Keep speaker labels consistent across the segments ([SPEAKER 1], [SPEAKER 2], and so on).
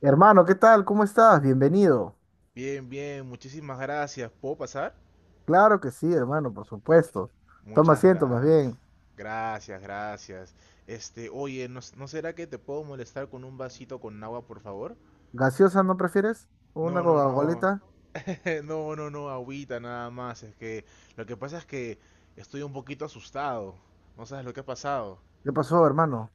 [SPEAKER 1] Hermano, ¿qué tal? ¿Cómo estás? Bienvenido.
[SPEAKER 2] Bien, bien, muchísimas gracias. ¿Puedo pasar?
[SPEAKER 1] Claro que sí, hermano, por supuesto. Toma
[SPEAKER 2] Muchas
[SPEAKER 1] asiento, más
[SPEAKER 2] gracias.
[SPEAKER 1] bien.
[SPEAKER 2] Gracias, gracias. Oye, ¿no será que te puedo molestar con un vasito con agua, por favor?
[SPEAKER 1] ¿Gaseosa no prefieres? ¿Una
[SPEAKER 2] No, no, no.
[SPEAKER 1] Coca-Colita?
[SPEAKER 2] No, no, no, agüita nada más. Es que lo que pasa es que estoy un poquito asustado. No sabes lo que ha pasado.
[SPEAKER 1] ¿Qué pasó, hermano?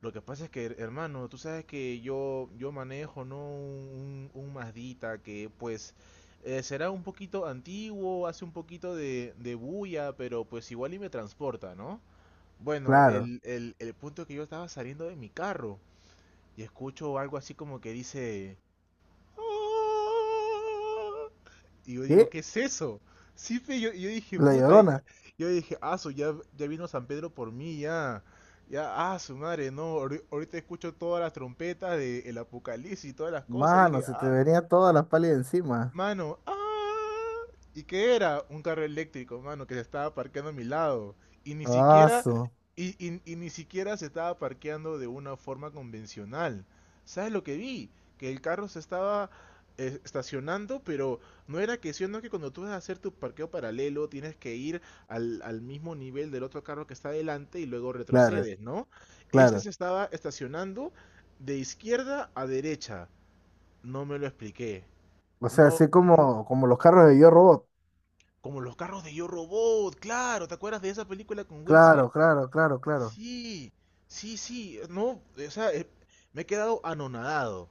[SPEAKER 2] Lo que pasa es que, hermano, tú sabes que yo manejo, ¿no? Un Mazdita que, pues, será un poquito antiguo, hace un poquito de bulla, pero pues igual y me transporta, ¿no? Bueno,
[SPEAKER 1] Claro.
[SPEAKER 2] el punto es que yo estaba saliendo de mi carro y escucho algo así como que dice, ¡ah! Y yo digo,
[SPEAKER 1] ¿Qué?
[SPEAKER 2] ¿qué es eso? Sí, fe, yo dije,
[SPEAKER 1] La
[SPEAKER 2] puta,
[SPEAKER 1] Llorona.
[SPEAKER 2] yo dije, ah, su, ya, ya vino San Pedro por mí, ya. Ya, ah, su madre, no, ahorita escucho todas las trompetas del Apocalipsis y todas las cosas. Y
[SPEAKER 1] Mano,
[SPEAKER 2] dije,
[SPEAKER 1] se te
[SPEAKER 2] ah,
[SPEAKER 1] venía toda la pálida encima.
[SPEAKER 2] mano, ¡ah! ¿Y qué era? Un carro eléctrico, mano, que se estaba parqueando a mi lado. Y ni
[SPEAKER 1] Ah,
[SPEAKER 2] siquiera,
[SPEAKER 1] su.
[SPEAKER 2] y ni siquiera se estaba parqueando de una forma convencional. ¿Sabes lo que vi? Que el carro se estaba estacionando, pero no era que sino que cuando tú vas a hacer tu parqueo paralelo, tienes que ir al mismo nivel del otro carro que está adelante y luego
[SPEAKER 1] Claro,
[SPEAKER 2] retrocedes, ¿no? Este
[SPEAKER 1] claro.
[SPEAKER 2] se estaba estacionando de izquierda a derecha. No me lo expliqué.
[SPEAKER 1] O sea,
[SPEAKER 2] No,
[SPEAKER 1] así
[SPEAKER 2] nu
[SPEAKER 1] como los carros de Yo Robot.
[SPEAKER 2] como los carros de Yo Robot, claro, ¿te acuerdas de esa película con Will Smith?
[SPEAKER 1] Claro, claro, claro, claro.
[SPEAKER 2] Sí, sí, sí, no, o sea, me he quedado anonadado,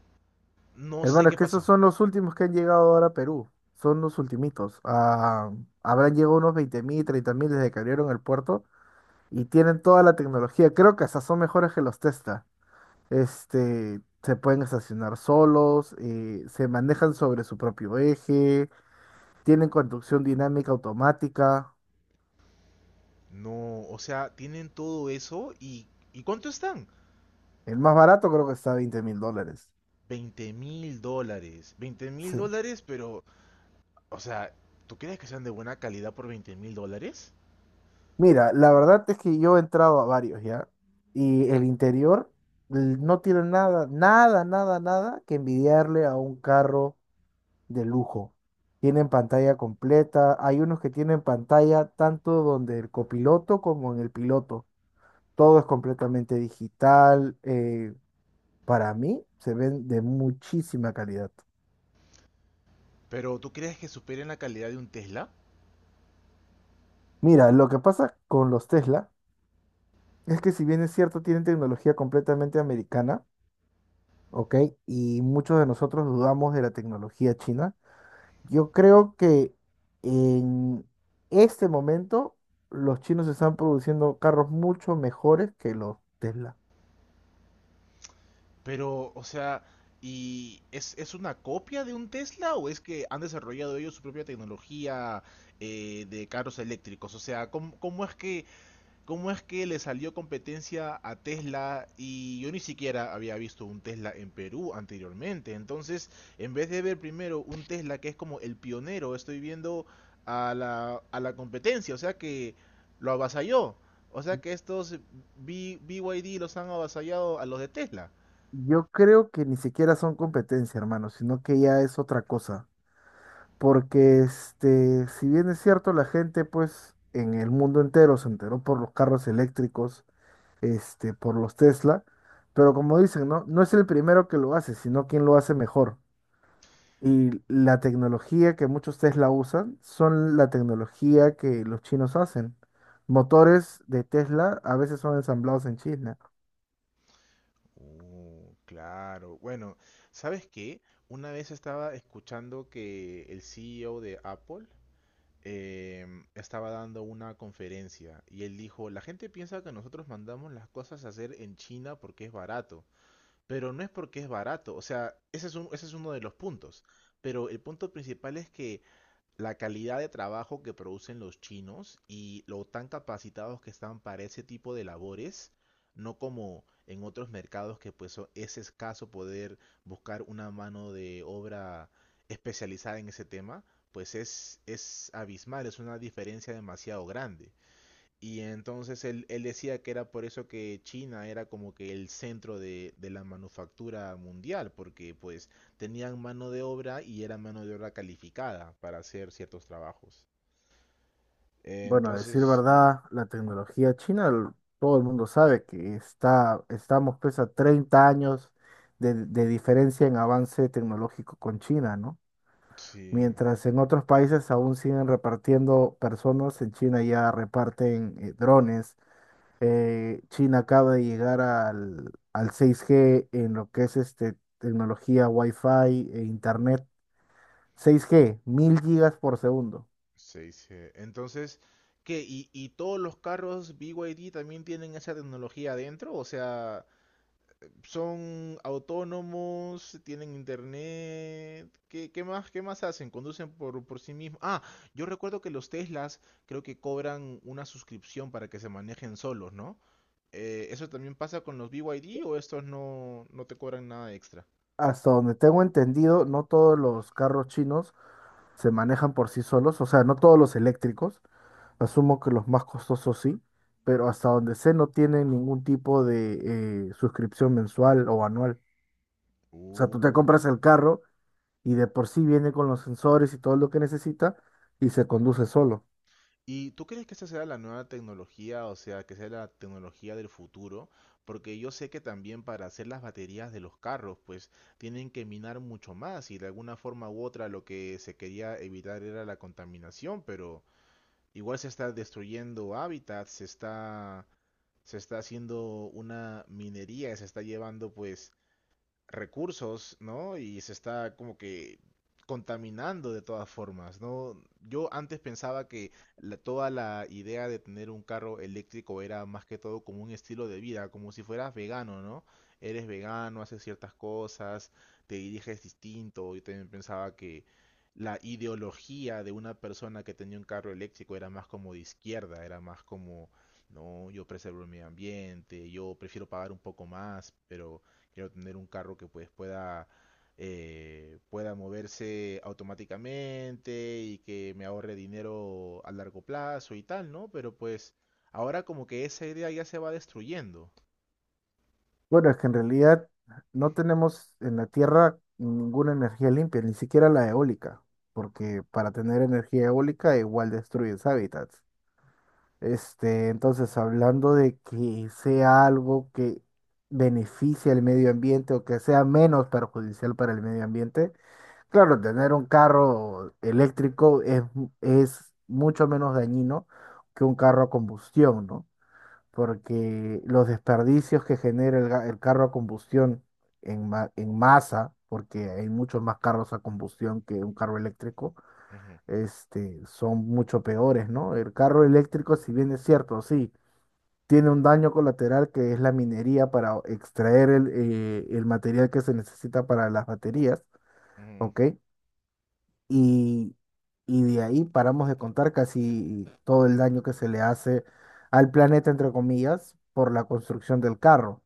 [SPEAKER 2] no sé
[SPEAKER 1] Hermano, es
[SPEAKER 2] qué
[SPEAKER 1] que esos
[SPEAKER 2] pasó.
[SPEAKER 1] son los últimos que han llegado ahora a Perú. Son los ultimitos. Ah, habrán llegado unos 20.000, 30.000 desde que abrieron el puerto. Y tienen toda la tecnología. Creo que hasta son mejores que los Tesla. Este, se pueden estacionar solos, se manejan sobre su propio eje, tienen conducción dinámica automática.
[SPEAKER 2] No, o sea, tienen todo eso ¿y cuánto están?
[SPEAKER 1] El más barato creo que está a 20 mil dólares.
[SPEAKER 2] $20.000, Veinte mil
[SPEAKER 1] Sí.
[SPEAKER 2] dólares, pero, o sea, ¿tú crees que sean de buena calidad por $20.000?
[SPEAKER 1] Mira, la verdad es que yo he entrado a varios ya y el interior no tiene nada, nada, nada, nada que envidiarle a un carro de lujo. Tienen pantalla completa. Hay unos que tienen pantalla tanto donde el copiloto como en el piloto. Todo es completamente digital. Para mí se ven de muchísima calidad.
[SPEAKER 2] Pero, ¿tú crees que superen la calidad de un Tesla?
[SPEAKER 1] Mira, lo que pasa con los Tesla es que si bien es cierto, tienen tecnología completamente americana, ¿ok? Y muchos de nosotros dudamos de la tecnología china. Yo creo que en este momento los chinos están produciendo carros mucho mejores que los Tesla.
[SPEAKER 2] Pero, o sea, ¿y es una copia de un Tesla o es que han desarrollado ellos su propia tecnología de carros eléctricos? O sea, ¿cómo es que, cómo es que le salió competencia a Tesla? Y yo ni siquiera había visto un Tesla en Perú anteriormente. Entonces, en vez de ver primero un Tesla que es como el pionero, estoy viendo a la competencia, o sea que lo avasalló. O sea que estos BYD los han avasallado a los de Tesla.
[SPEAKER 1] Yo creo que ni siquiera son competencia, hermano, sino que ya es otra cosa. Porque este, si bien es cierto, la gente, pues, en el mundo entero se enteró por los carros eléctricos, este, por los Tesla. Pero como dicen, ¿no? No es el primero que lo hace, sino quien lo hace mejor. Y la tecnología que muchos Tesla usan son la tecnología que los chinos hacen. Motores de Tesla a veces son ensamblados en China.
[SPEAKER 2] Claro. Bueno, ¿sabes qué? Una vez estaba escuchando que el CEO de Apple estaba dando una conferencia y él dijo, la gente piensa que nosotros mandamos las cosas a hacer en China porque es barato, pero no es porque es barato. O sea, ese es uno de los puntos. Pero el punto principal es que la calidad de trabajo que producen los chinos y lo tan capacitados que están para ese tipo de labores, no como en otros mercados que pues es escaso poder buscar una mano de obra especializada en ese tema, pues es abismal, es una diferencia demasiado grande. Y entonces él decía que era por eso que China era como que el centro de la manufactura mundial, porque pues tenían mano de obra y era mano de obra calificada para hacer ciertos trabajos.
[SPEAKER 1] Bueno, a decir
[SPEAKER 2] Entonces, ¿no?
[SPEAKER 1] verdad, la tecnología china, todo el mundo sabe que estamos pues a 30 años de diferencia en avance tecnológico con China, ¿no?
[SPEAKER 2] Sí,
[SPEAKER 1] Mientras en otros países aún siguen repartiendo personas, en China ya reparten drones, China acaba de llegar al 6G en lo que es este, tecnología Wi-Fi e Internet. 6G, 1000 gigas por segundo.
[SPEAKER 2] se dice. Entonces, ¿qué? ¿Y todos los carros BYD también tienen esa tecnología adentro? O sea, son autónomos, tienen internet. ¿Qué, qué más hacen? Conducen por sí mismos. Ah, yo recuerdo que los Teslas creo que cobran una suscripción para que se manejen solos, ¿no? ¿Eso también pasa con los BYD o estos no te cobran nada extra?
[SPEAKER 1] Hasta donde tengo entendido, no todos los carros chinos se manejan por sí solos, o sea, no todos los eléctricos. Asumo que los más costosos sí, pero hasta donde sé no tienen ningún tipo de suscripción mensual o anual. O sea, tú te
[SPEAKER 2] Uh.
[SPEAKER 1] compras el carro y de por sí viene con los sensores y todo lo que necesita y se conduce solo.
[SPEAKER 2] ¿Y tú crees que esa sea la nueva tecnología, o sea, que sea la tecnología del futuro? Porque yo sé que también para hacer las baterías de los carros, pues tienen que minar mucho más y de alguna forma u otra lo que se quería evitar era la contaminación, pero igual se está destruyendo hábitats, se está haciendo una minería, se está llevando pues recursos, ¿no? Y se está como que contaminando de todas formas, ¿no? Yo antes pensaba que toda la idea de tener un carro eléctrico era más que todo como un estilo de vida, como si fueras vegano, ¿no? Eres vegano, haces ciertas cosas, te diriges distinto. Yo también pensaba que la ideología de una persona que tenía un carro eléctrico era más como de izquierda, era más como, no, yo preservo el medio ambiente, yo prefiero pagar un poco más, pero quiero tener un carro que pues pueda, pueda moverse automáticamente y que me ahorre dinero a largo plazo y tal, ¿no? Pero pues ahora como que esa idea ya se va destruyendo.
[SPEAKER 1] Bueno, es que en realidad no tenemos en la Tierra ninguna energía limpia, ni siquiera la eólica, porque para tener energía eólica igual destruyes hábitats. Este, entonces, hablando de que sea algo que beneficie al medio ambiente o que sea menos perjudicial para el medio ambiente, claro, tener un carro eléctrico es mucho menos dañino que un carro a combustión, ¿no? Porque los desperdicios que genera el carro a combustión en masa, porque hay muchos más carros a combustión que un carro eléctrico,
[SPEAKER 2] Ujú,
[SPEAKER 1] este, son mucho peores, ¿no? El carro eléctrico, si bien es cierto, sí, tiene un daño colateral que es la minería para extraer el material que se necesita para las baterías,
[SPEAKER 2] ujú.
[SPEAKER 1] ¿ok? y, y de ahí paramos de contar casi todo el daño que se le hace al planeta, entre comillas, por la construcción del carro.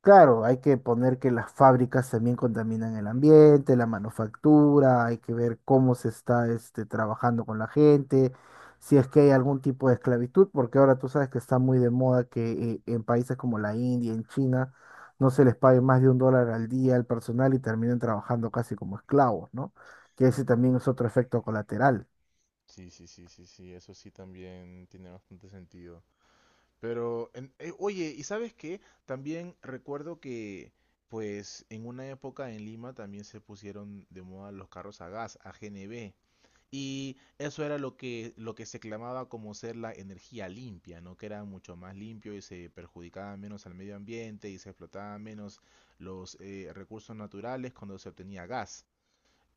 [SPEAKER 1] Claro, hay que poner que las fábricas también contaminan el ambiente, la manufactura, hay que ver cómo se está este, trabajando con la gente, si es que hay algún tipo de esclavitud, porque ahora tú sabes que está muy de moda que en países como la India, en China, no se les pague más de un dólar al día al personal y terminen trabajando casi como esclavos, ¿no? Que ese también es otro efecto colateral.
[SPEAKER 2] Sí, sí, sí, sí, sí, eso sí también tiene bastante sentido. Pero, oye, ¿y sabes qué? También recuerdo que, pues, en una época en Lima también se pusieron de moda los carros a gas, a AGNB. Y eso era lo que se clamaba como ser la energía limpia, ¿no? Que era mucho más limpio y se perjudicaba menos al medio ambiente y se explotaban menos los recursos naturales cuando se obtenía gas.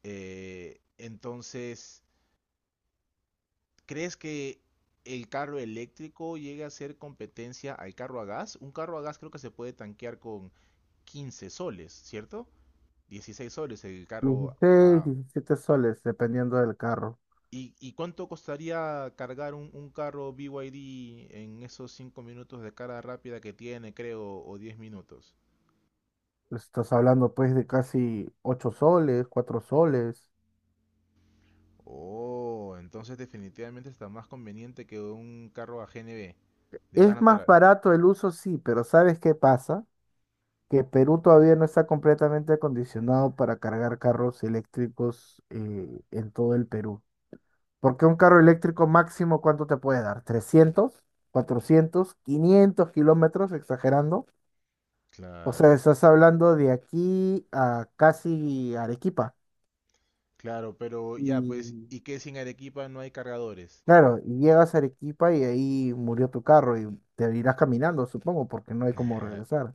[SPEAKER 2] Entonces, ¿crees que el carro eléctrico llegue a ser competencia al carro a gas? Un carro a gas creo que se puede tanquear con 15 soles, ¿cierto? 16 soles el carro
[SPEAKER 1] 16,
[SPEAKER 2] a,
[SPEAKER 1] 17 soles, dependiendo del carro.
[SPEAKER 2] ¿y cuánto costaría cargar un carro BYD en esos 5 minutos de carga rápida que tiene, creo, o 10 minutos?
[SPEAKER 1] Estás hablando pues de casi 8 soles, 4 soles.
[SPEAKER 2] Oh, entonces definitivamente está más conveniente que un carro a G N GNB, de gas
[SPEAKER 1] Es más
[SPEAKER 2] natural.
[SPEAKER 1] barato el uso, sí, pero ¿sabes qué pasa? Que Perú todavía no está completamente acondicionado para cargar carros eléctricos en todo el Perú. Porque un carro eléctrico máximo, ¿cuánto te puede dar? 300, 400, 500 kilómetros Exagerando. O sea,
[SPEAKER 2] Claro,
[SPEAKER 1] estás hablando de aquí a casi Arequipa.
[SPEAKER 2] claro, pero ya, pues,
[SPEAKER 1] Y
[SPEAKER 2] ¿y qué si en Arequipa no hay cargadores?
[SPEAKER 1] claro, y llegas a Arequipa y ahí murió tu carro y te irás caminando, supongo, porque no hay cómo regresar.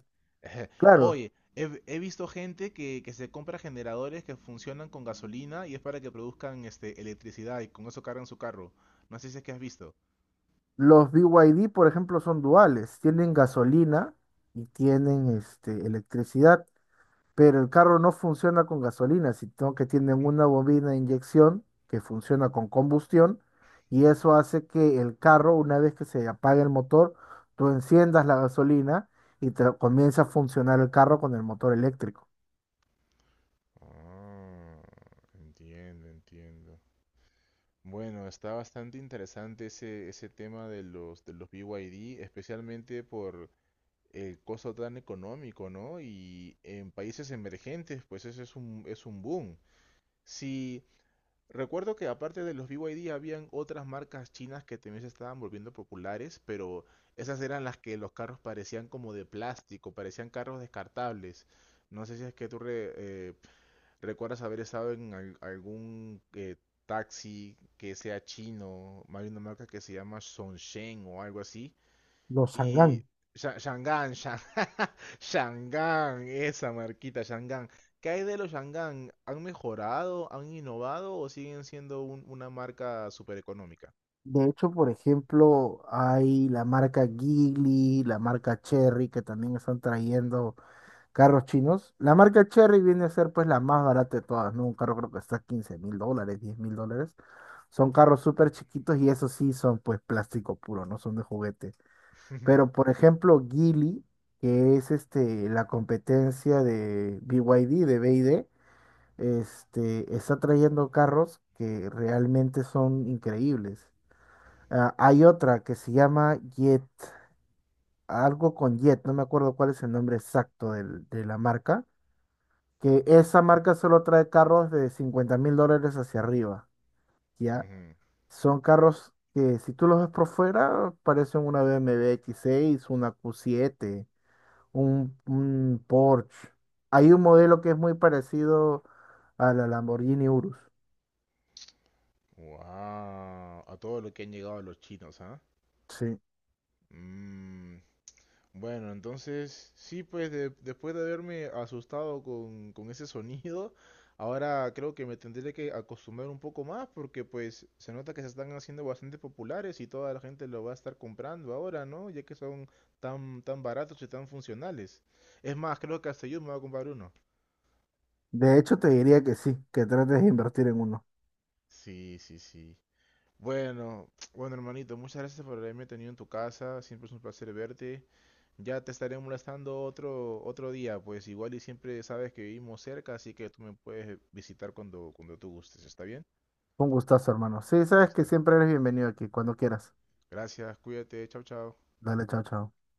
[SPEAKER 1] Claro.
[SPEAKER 2] Oye, he visto gente que se compra generadores que funcionan con gasolina y es para que produzcan este, electricidad y con eso cargan su carro. No sé si es que has visto.
[SPEAKER 1] Los BYD, por ejemplo, son duales. Tienen gasolina y tienen este, electricidad, pero el carro no funciona con gasolina, sino que tienen una bobina de inyección que funciona con combustión y eso hace que el carro, una vez que se apague el motor, tú enciendas la gasolina y te comienza a funcionar el carro con el motor eléctrico.
[SPEAKER 2] Ah, entiendo, entiendo. Bueno, está bastante interesante ese tema de los BYD, especialmente por el costo tan económico, ¿no? Y en países emergentes, pues eso es un boom. Sí, recuerdo que aparte de los BYD habían otras marcas chinas que también se estaban volviendo populares, pero esas eran las que los carros parecían como de plástico, parecían carros descartables. No sé si es que ¿recuerdas haber estado en algún taxi que sea chino? Hay una marca que se llama Songshen o algo así.
[SPEAKER 1] Los
[SPEAKER 2] Y
[SPEAKER 1] Sangán.
[SPEAKER 2] Sha- Shangan, Shan- Shangan, esa marquita, Shangan. ¿Qué hay de los Shangan? ¿Han mejorado, han innovado o siguen siendo una marca súper económica?
[SPEAKER 1] De hecho, por ejemplo, hay la marca Geely, la marca Cherry, que también están trayendo carros chinos. La marca Cherry viene a ser pues la más barata de todas, ¿no? Un carro creo que está $15.000, $10.000. Son carros súper chiquitos y esos sí son pues plástico puro, no son de juguete. Pero por ejemplo, Geely, que es este, la competencia de BYD, este, está trayendo carros que realmente son increíbles. Ah, hay otra que se llama Jet, algo con Jet, no me acuerdo cuál es el nombre exacto de la marca que esa marca solo trae carros de $50.000 hacia arriba, ¿ya? Son carros que si tú los ves por fuera parecen una BMW X6, una Q7, un Porsche. Hay un modelo que es muy parecido a la Lamborghini Urus,
[SPEAKER 2] Wow, a todo lo que han llegado los chinos, ¿ah?
[SPEAKER 1] sí.
[SPEAKER 2] Mm, bueno, entonces, sí, pues después de haberme asustado con ese sonido, ahora creo que me tendré que acostumbrar un poco más porque pues se nota que se están haciendo bastante populares y toda la gente lo va a estar comprando ahora, ¿no? Ya que son tan, tan baratos y tan funcionales. Es más, creo que hasta yo me voy a comprar uno.
[SPEAKER 1] De hecho, te diría que sí, que trates de invertir en uno.
[SPEAKER 2] Sí, sí, sí. Bueno, bueno hermanito, muchas gracias por haberme tenido en tu casa, siempre es un placer verte. Ya te estaré molestando otro día, pues igual y siempre sabes que vivimos cerca, así que tú me puedes visitar cuando tú gustes, ¿está bien?
[SPEAKER 1] Un gustazo, hermano. Sí, sabes que
[SPEAKER 2] Listo.
[SPEAKER 1] siempre eres bienvenido aquí, cuando quieras.
[SPEAKER 2] Gracias, cuídate, chao, chao.
[SPEAKER 1] Dale, chao, chao.